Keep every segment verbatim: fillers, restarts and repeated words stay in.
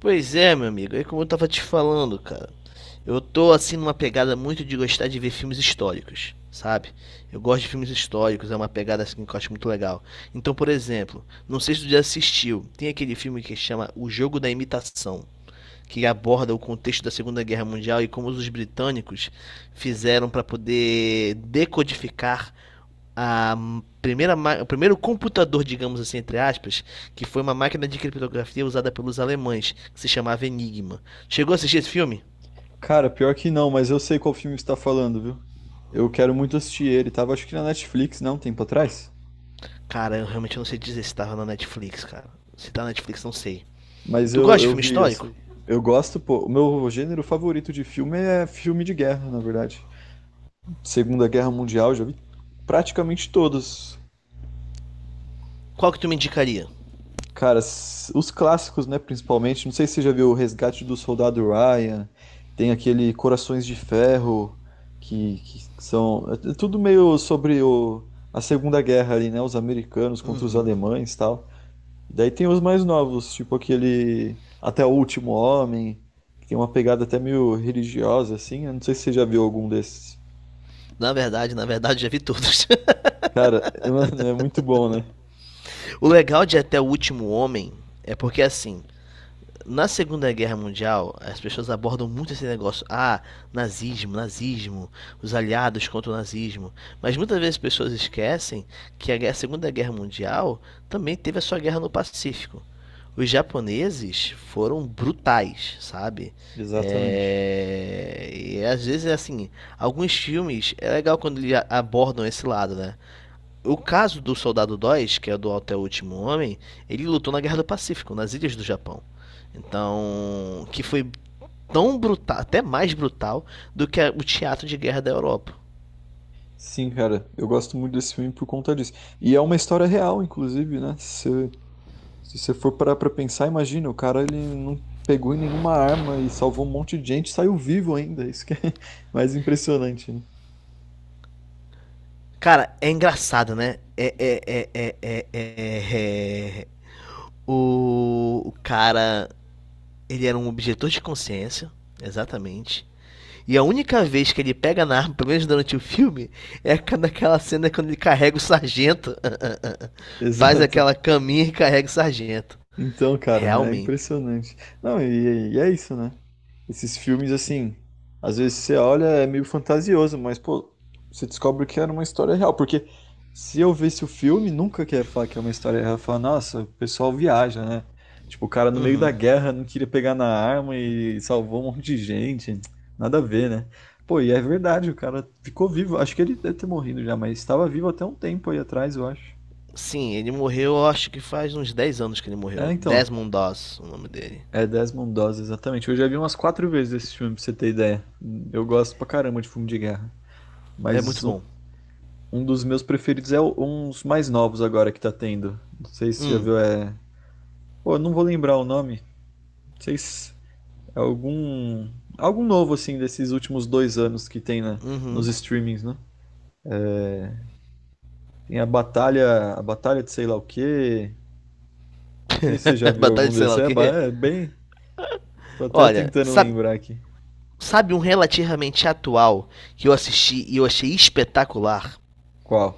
Pois é, meu amigo, é como eu tava te falando, cara. Eu tô assim numa pegada muito de gostar de ver filmes históricos, sabe? Eu gosto de filmes históricos, é uma pegada assim que eu acho muito legal. Então, por exemplo, não sei se tu já assistiu, tem aquele filme que chama O Jogo da Imitação que aborda o contexto da Segunda Guerra Mundial e como os britânicos fizeram para poder decodificar a primeira, ma- o primeiro computador, digamos assim, entre aspas, que foi uma máquina de criptografia usada pelos alemães, que se chamava Enigma. Chegou a assistir esse filme? Cara, pior que não, mas eu sei qual filme que você tá falando, viu? Eu quero muito assistir ele. Tava acho que na Netflix, não, um tempo atrás. Cara, eu realmente não sei dizer se tava na Netflix, cara. Se tá na Netflix, não sei. Mas Tu gosta eu, de eu filme vi, eu histórico? sei. Eu gosto, pô. O meu gênero favorito de filme é filme de guerra, na verdade. Segunda Guerra Mundial, já vi praticamente todos. Qual que tu me indicaria? Cara, s- os clássicos, né, principalmente, não sei se você já viu O Resgate do Soldado Ryan, tem aquele Corações de Ferro, que, que são... É é tudo meio sobre o, a Segunda Guerra ali, né, os americanos contra os alemães e tal. Daí tem os mais novos, tipo aquele Até o Último Homem, que tem uma pegada até meio religiosa, assim, eu não sei se você já viu algum desses. Na verdade, na verdade, já vi todos. Cara, mano, é muito bom, né? O legal de Até o Último Homem é porque, assim, na Segunda Guerra Mundial, as pessoas abordam muito esse negócio. Ah, nazismo, nazismo, os aliados contra o nazismo. Mas muitas vezes as pessoas esquecem que a Segunda Guerra Mundial também teve a sua guerra no Pacífico. Os japoneses foram brutais, sabe? Exatamente. É, e às vezes é assim, alguns filmes é legal quando eles abordam esse lado, né? O caso do Soldado dois, que é do Até o Último Homem, ele lutou na Guerra do Pacífico, nas ilhas do Japão. Então, que foi tão brutal, até mais brutal do que o teatro de guerra da Europa. Sim, cara, eu gosto muito desse filme por conta disso. E é uma história real, inclusive, né? Se, se você for parar pra pensar, imagina, o cara ele não pegou em nenhuma arma e salvou um monte de gente, e saiu vivo ainda. Isso que é mais impressionante, né? Cara, é engraçado, né? É, é, é, é, é, é, é. é. O, o cara, ele era um objetor de consciência, exatamente. E a única vez que ele pega na arma, pelo menos durante o filme, é naquela cena quando ele carrega o sargento. Faz Exato. aquela caminha e carrega o sargento. Então, cara, é Realmente. impressionante. Não, e, e é isso, né? Esses filmes, assim, às vezes você olha, é meio fantasioso, mas, pô, você descobre que era uma história real. Porque se eu visse o filme, nunca quer falar que é uma história real. Falar, nossa, o pessoal viaja, né? Tipo, o cara no meio da Uhum. guerra não queria pegar na arma e salvou um monte de gente. Nada a ver, né? Pô, e é verdade, o cara ficou vivo. Acho que ele deve ter morrido já, mas estava vivo até um tempo aí atrás, eu acho. Sim, ele morreu, eu acho que faz uns dez anos que ele É, morreu. então. Desmond Doss, o nome dele. É Desmond Doss, exatamente. Eu já vi umas quatro vezes esse filme, pra você ter ideia. Eu gosto pra caramba de filme de guerra. É Mas muito um, bom. um dos meus preferidos é o- uns mais novos agora que tá tendo. Não sei se você já Hum. viu, é. Pô, eu não vou lembrar o nome. Não sei se é algum. Algum novo, assim, desses últimos dois anos que tem na, nos Uhum. streamings, né? Tem a Batalha. A Batalha de sei lá o quê. Não sei se você já viu Batalha algum de sei desses. lá o É, ba- quê? é bem. Tô até Olha, tentando sabe, lembrar aqui. sabe um relativamente atual que eu assisti e eu achei espetacular? Qual?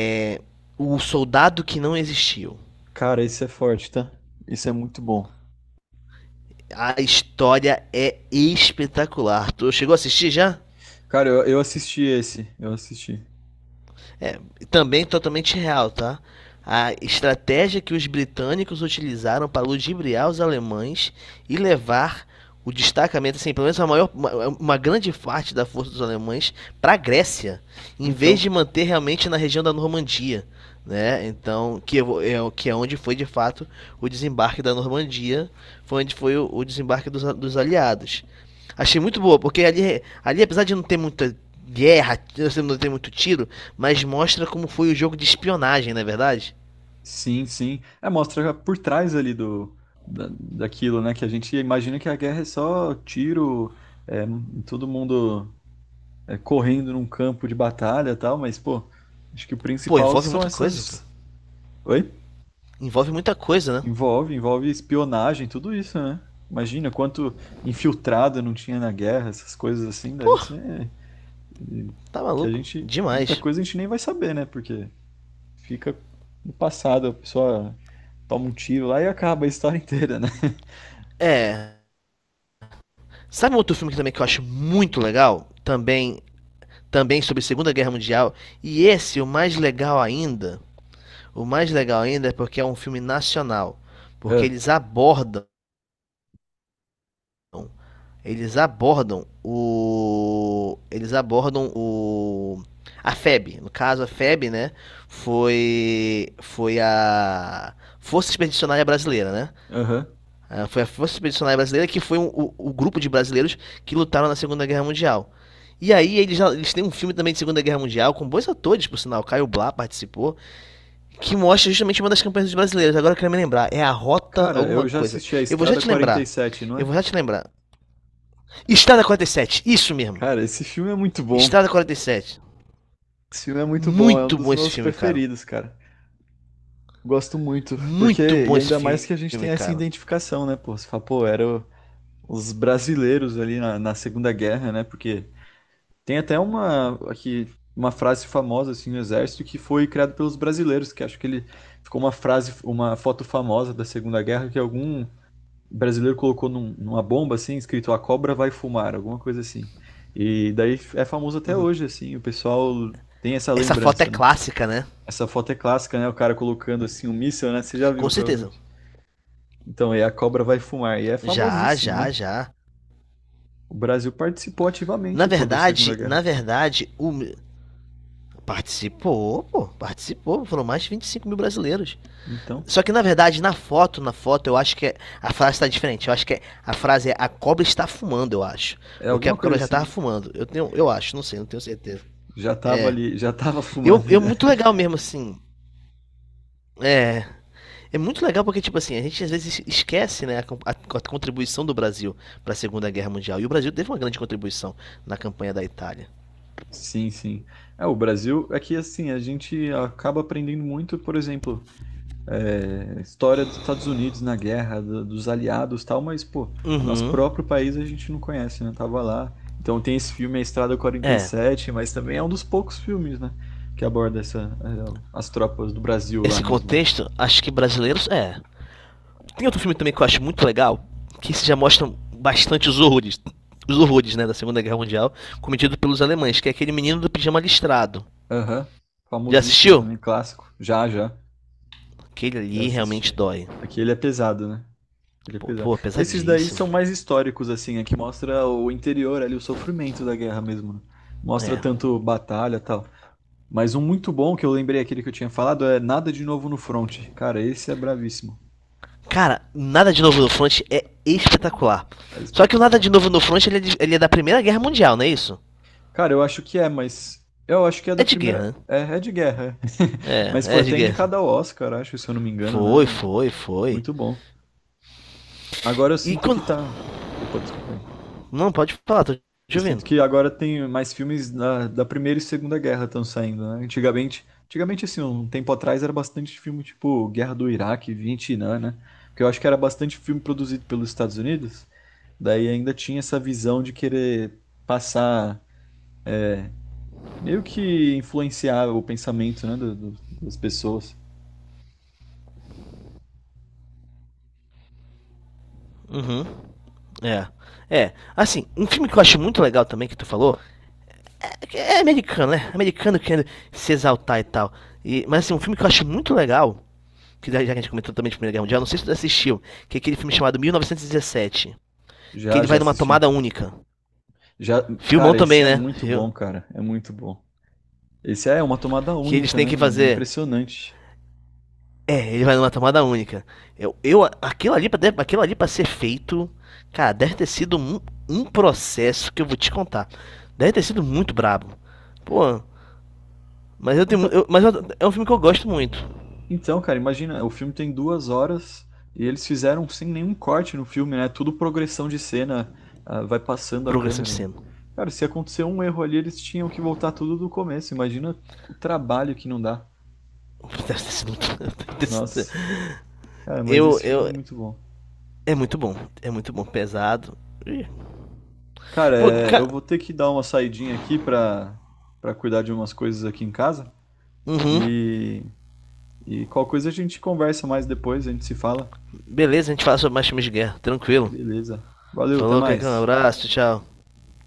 É O Soldado que Não Existiu. Cara, esse é forte, tá? Isso é muito bom. A história é espetacular. Tu chegou a assistir já? Cara, eu, eu assisti esse, eu assisti. Também totalmente real, tá? A estratégia que os britânicos utilizaram para ludibriar os alemães e levar o destacamento, assim, pelo menos a maior, uma, uma grande parte da força dos alemães para a Grécia, em vez Então, de manter realmente na região da Normandia, né? Então, que é, o- que é onde foi de fato o desembarque da Normandia, foi onde foi o, o desembarque dos, dos aliados. Achei muito boa, porque ali, ali apesar de não ter muita guerra, assim, não ter muito tiro, mas mostra como foi o jogo de espionagem, não é verdade? sim, sim. É, mostra por trás ali do, da- daquilo, né? Que a gente imagina que a guerra é só tiro, é, todo mundo é, correndo num campo de batalha e tal, mas, pô, acho que o Pô, principal envolve são muita coisa, pô. essas. Oi? Envolve muita coisa, né? Envolve, envolve espionagem, tudo isso, né? Imagina quanto infiltrado não tinha na guerra, essas coisas assim, deve Pô, ser tá que a maluco. gente. Muita Demais. coisa a gente nem vai saber, né? Porque fica no passado, a pessoa toma um tiro lá e acaba a história inteira, né? É. Sabe um outro filme que também que eu acho muito legal? Também, também sobre a Segunda Guerra Mundial. E esse, o mais legal ainda, o mais legal ainda é porque é um filme nacional. Porque É, eles abordam Eles abordam o. Eles abordam o. A F E B. No caso, a F E B, né? Foi. Foi a. Força Expedicionária Brasileira, né? aham. Ah, foi a Força Expedicionária Brasileira que foi um- o, o grupo de brasileiros que lutaram na Segunda Guerra Mundial. E aí eles, já- eles têm um filme também de Segunda Guerra Mundial, com bons atores, por sinal, Caio Blá participou, que mostra justamente uma das campanhas dos brasileiros. Agora eu quero me lembrar, é a Rota Cara, alguma eu já coisa. assisti a Eu vou já Estrada te lembrar. quarenta e sete, não Eu é? vou já te lembrar. Estrada quarenta e sete, isso mesmo. Cara, esse filme é muito bom. Estrada quarenta e sete. Esse filme é muito bom, é um Muito dos bom esse meus filme, cara. preferidos, cara. Gosto muito, porque, Muito bom e esse ainda mais que a gente tem filme, essa cara. identificação, né, pô? Você fala, pô, eram os brasileiros ali na, na Segunda Guerra, né? Porque tem até uma, aqui, uma frase famosa, assim, no Exército, que foi criada pelos brasileiros, que acho que ele ficou uma frase, uma foto famosa da Segunda Guerra, que algum o brasileiro colocou num- numa bomba assim, escrito "A cobra vai fumar", alguma coisa assim. E daí é famoso até hoje, assim, o pessoal tem essa Essa foto é lembrança, né? clássica, né? Essa foto é clássica, né? O cara colocando assim um míssil, né? Você já viu, Com certeza. provavelmente. Então, é "A cobra vai fumar". E é Já, famosíssimo, né? já, já. O Brasil participou Na ativamente, pô, da Segunda verdade, na Guerra. verdade, o. Participou, pô, participou. Foram mais de vinte e cinco mil brasileiros. Então, Só que na verdade, na foto, na foto, eu acho que é- a frase tá diferente. Eu acho que é- a frase é a cobra está fumando, eu acho. é Porque a alguma coisa cobra já tava assim. fumando. Eu tenho, eu acho, não sei, não tenho certeza. Já tava ali, já tava Eu, fumando eu já. muito legal mesmo, assim. É, É muito legal porque, tipo assim, a gente às vezes esquece, né, a, con- a- a contribuição do Brasil para a Segunda Guerra Mundial. E o Brasil teve uma grande contribuição na campanha da Itália. Sim, sim. É, o Brasil, é que assim, a gente acaba aprendendo muito, por exemplo, é, história dos Estados Unidos na guerra, do- dos aliados e tal, mas, pô, nosso Uhum. próprio país a gente não conhece, né? Tava lá. Então tem esse filme A Estrada É. quarenta e sete, mas também é um dos poucos filmes, né? Que aborda essa, eh, as tropas do Brasil lá Esse mesmo, né? contexto, acho que brasileiros. É. Tem outro filme também que eu acho muito legal, que esse já mostra bastante os horrores. Os horrores, né, da Segunda Guerra Mundial, cometido pelos alemães, que é aquele menino do pijama listrado. Aham. Já Famosíssimo assistiu? também, clássico. Já, já. Aquele Já ali realmente assisti. dói. Aqui ele é pesado, né? Ele é Pô, pesado. pô Esses daí pesadíssimo. são mais históricos, assim, aqui mostra o interior ali, o sofrimento da guerra mesmo, né? Mostra É. tanto batalha e tal. Mas um muito bom que eu lembrei aquele que eu tinha falado é Nada de Novo no Front. Cara, esse é bravíssimo. Cara, Nada de Novo no Front é espetacular. É Só que o Nada de espetacular. Novo no Front ele é, de- ele é da Primeira Guerra Mundial, não é isso? Cara, eu acho que é, mas. Eu acho que é da É de primeira. guerra, né? É, é de guerra. É. Mas É, foi é de até guerra. indicado ao Oscar, acho, se eu não me engano, Foi, né? foi, foi. Muito bom. Agora eu E sinto que quando. tá. Opa, desculpa aí. Não, pode falar, tô Eu te sinto ouvindo. que agora tem mais filmes da, da Primeira e Segunda Guerra estão saindo, né? Antigamente, antigamente, assim, um tempo atrás era bastante filme tipo Guerra do Iraque, Vietnã, né? Porque eu acho que era bastante filme produzido pelos Estados Unidos. Daí ainda tinha essa visão de querer passar, meio que influenciar o pensamento, né, do- do- das pessoas. Uhum. É. É. Assim, um filme que eu acho muito legal também que tu falou. É, que é americano, né? Americano querendo se exaltar e tal. E, mas assim, um filme que eu acho muito legal. Que já que a gente comentou também de Primeira Guerra Mundial, não sei se tu assistiu, que é aquele filme chamado mil novecentos e dezessete. Que Já, ele já vai numa tomada assisti. única. Já, Filmão cara, esse também, é né? muito Viu? bom, cara. É muito bom. Esse é uma tomada Que eles única, têm né, que mano? É fazer. impressionante. É, ele vai numa tomada única. Eu, eu, aquilo ali pra, deve- aquilo ali pra ser feito, cara, deve ter sido um, um processo que eu vou te contar. Deve ter sido muito brabo. Pô, mas eu tenho, mu- Então, eu- mas eu- é um filme que eu gosto muito. então, cara, imagina, o filme tem duas horas e eles fizeram sem nenhum corte no filme, né? Tudo progressão de cena, ah, vai passando a Progressão de câmera. cena. Cara, se acontecer um erro ali, eles tinham que voltar tudo do começo. Imagina o trabalho que não dá. Deve ter sido muito, deve ter sido- Nossa. Cara, mas eu, esse filme é eu, muito bom. é muito bom, é muito bom, pesado. Ih. Cara, Pô, é, eu cara, vou ter que dar uma saidinha aqui pra, pra cuidar de umas coisas aqui em casa. uhum, E, e qualquer coisa a gente conversa mais depois, a gente se fala. beleza, a gente fala sobre mais filmes de guerra, tranquilo. Beleza. Valeu, até Falou, Caicão, mais. abraço, tchau.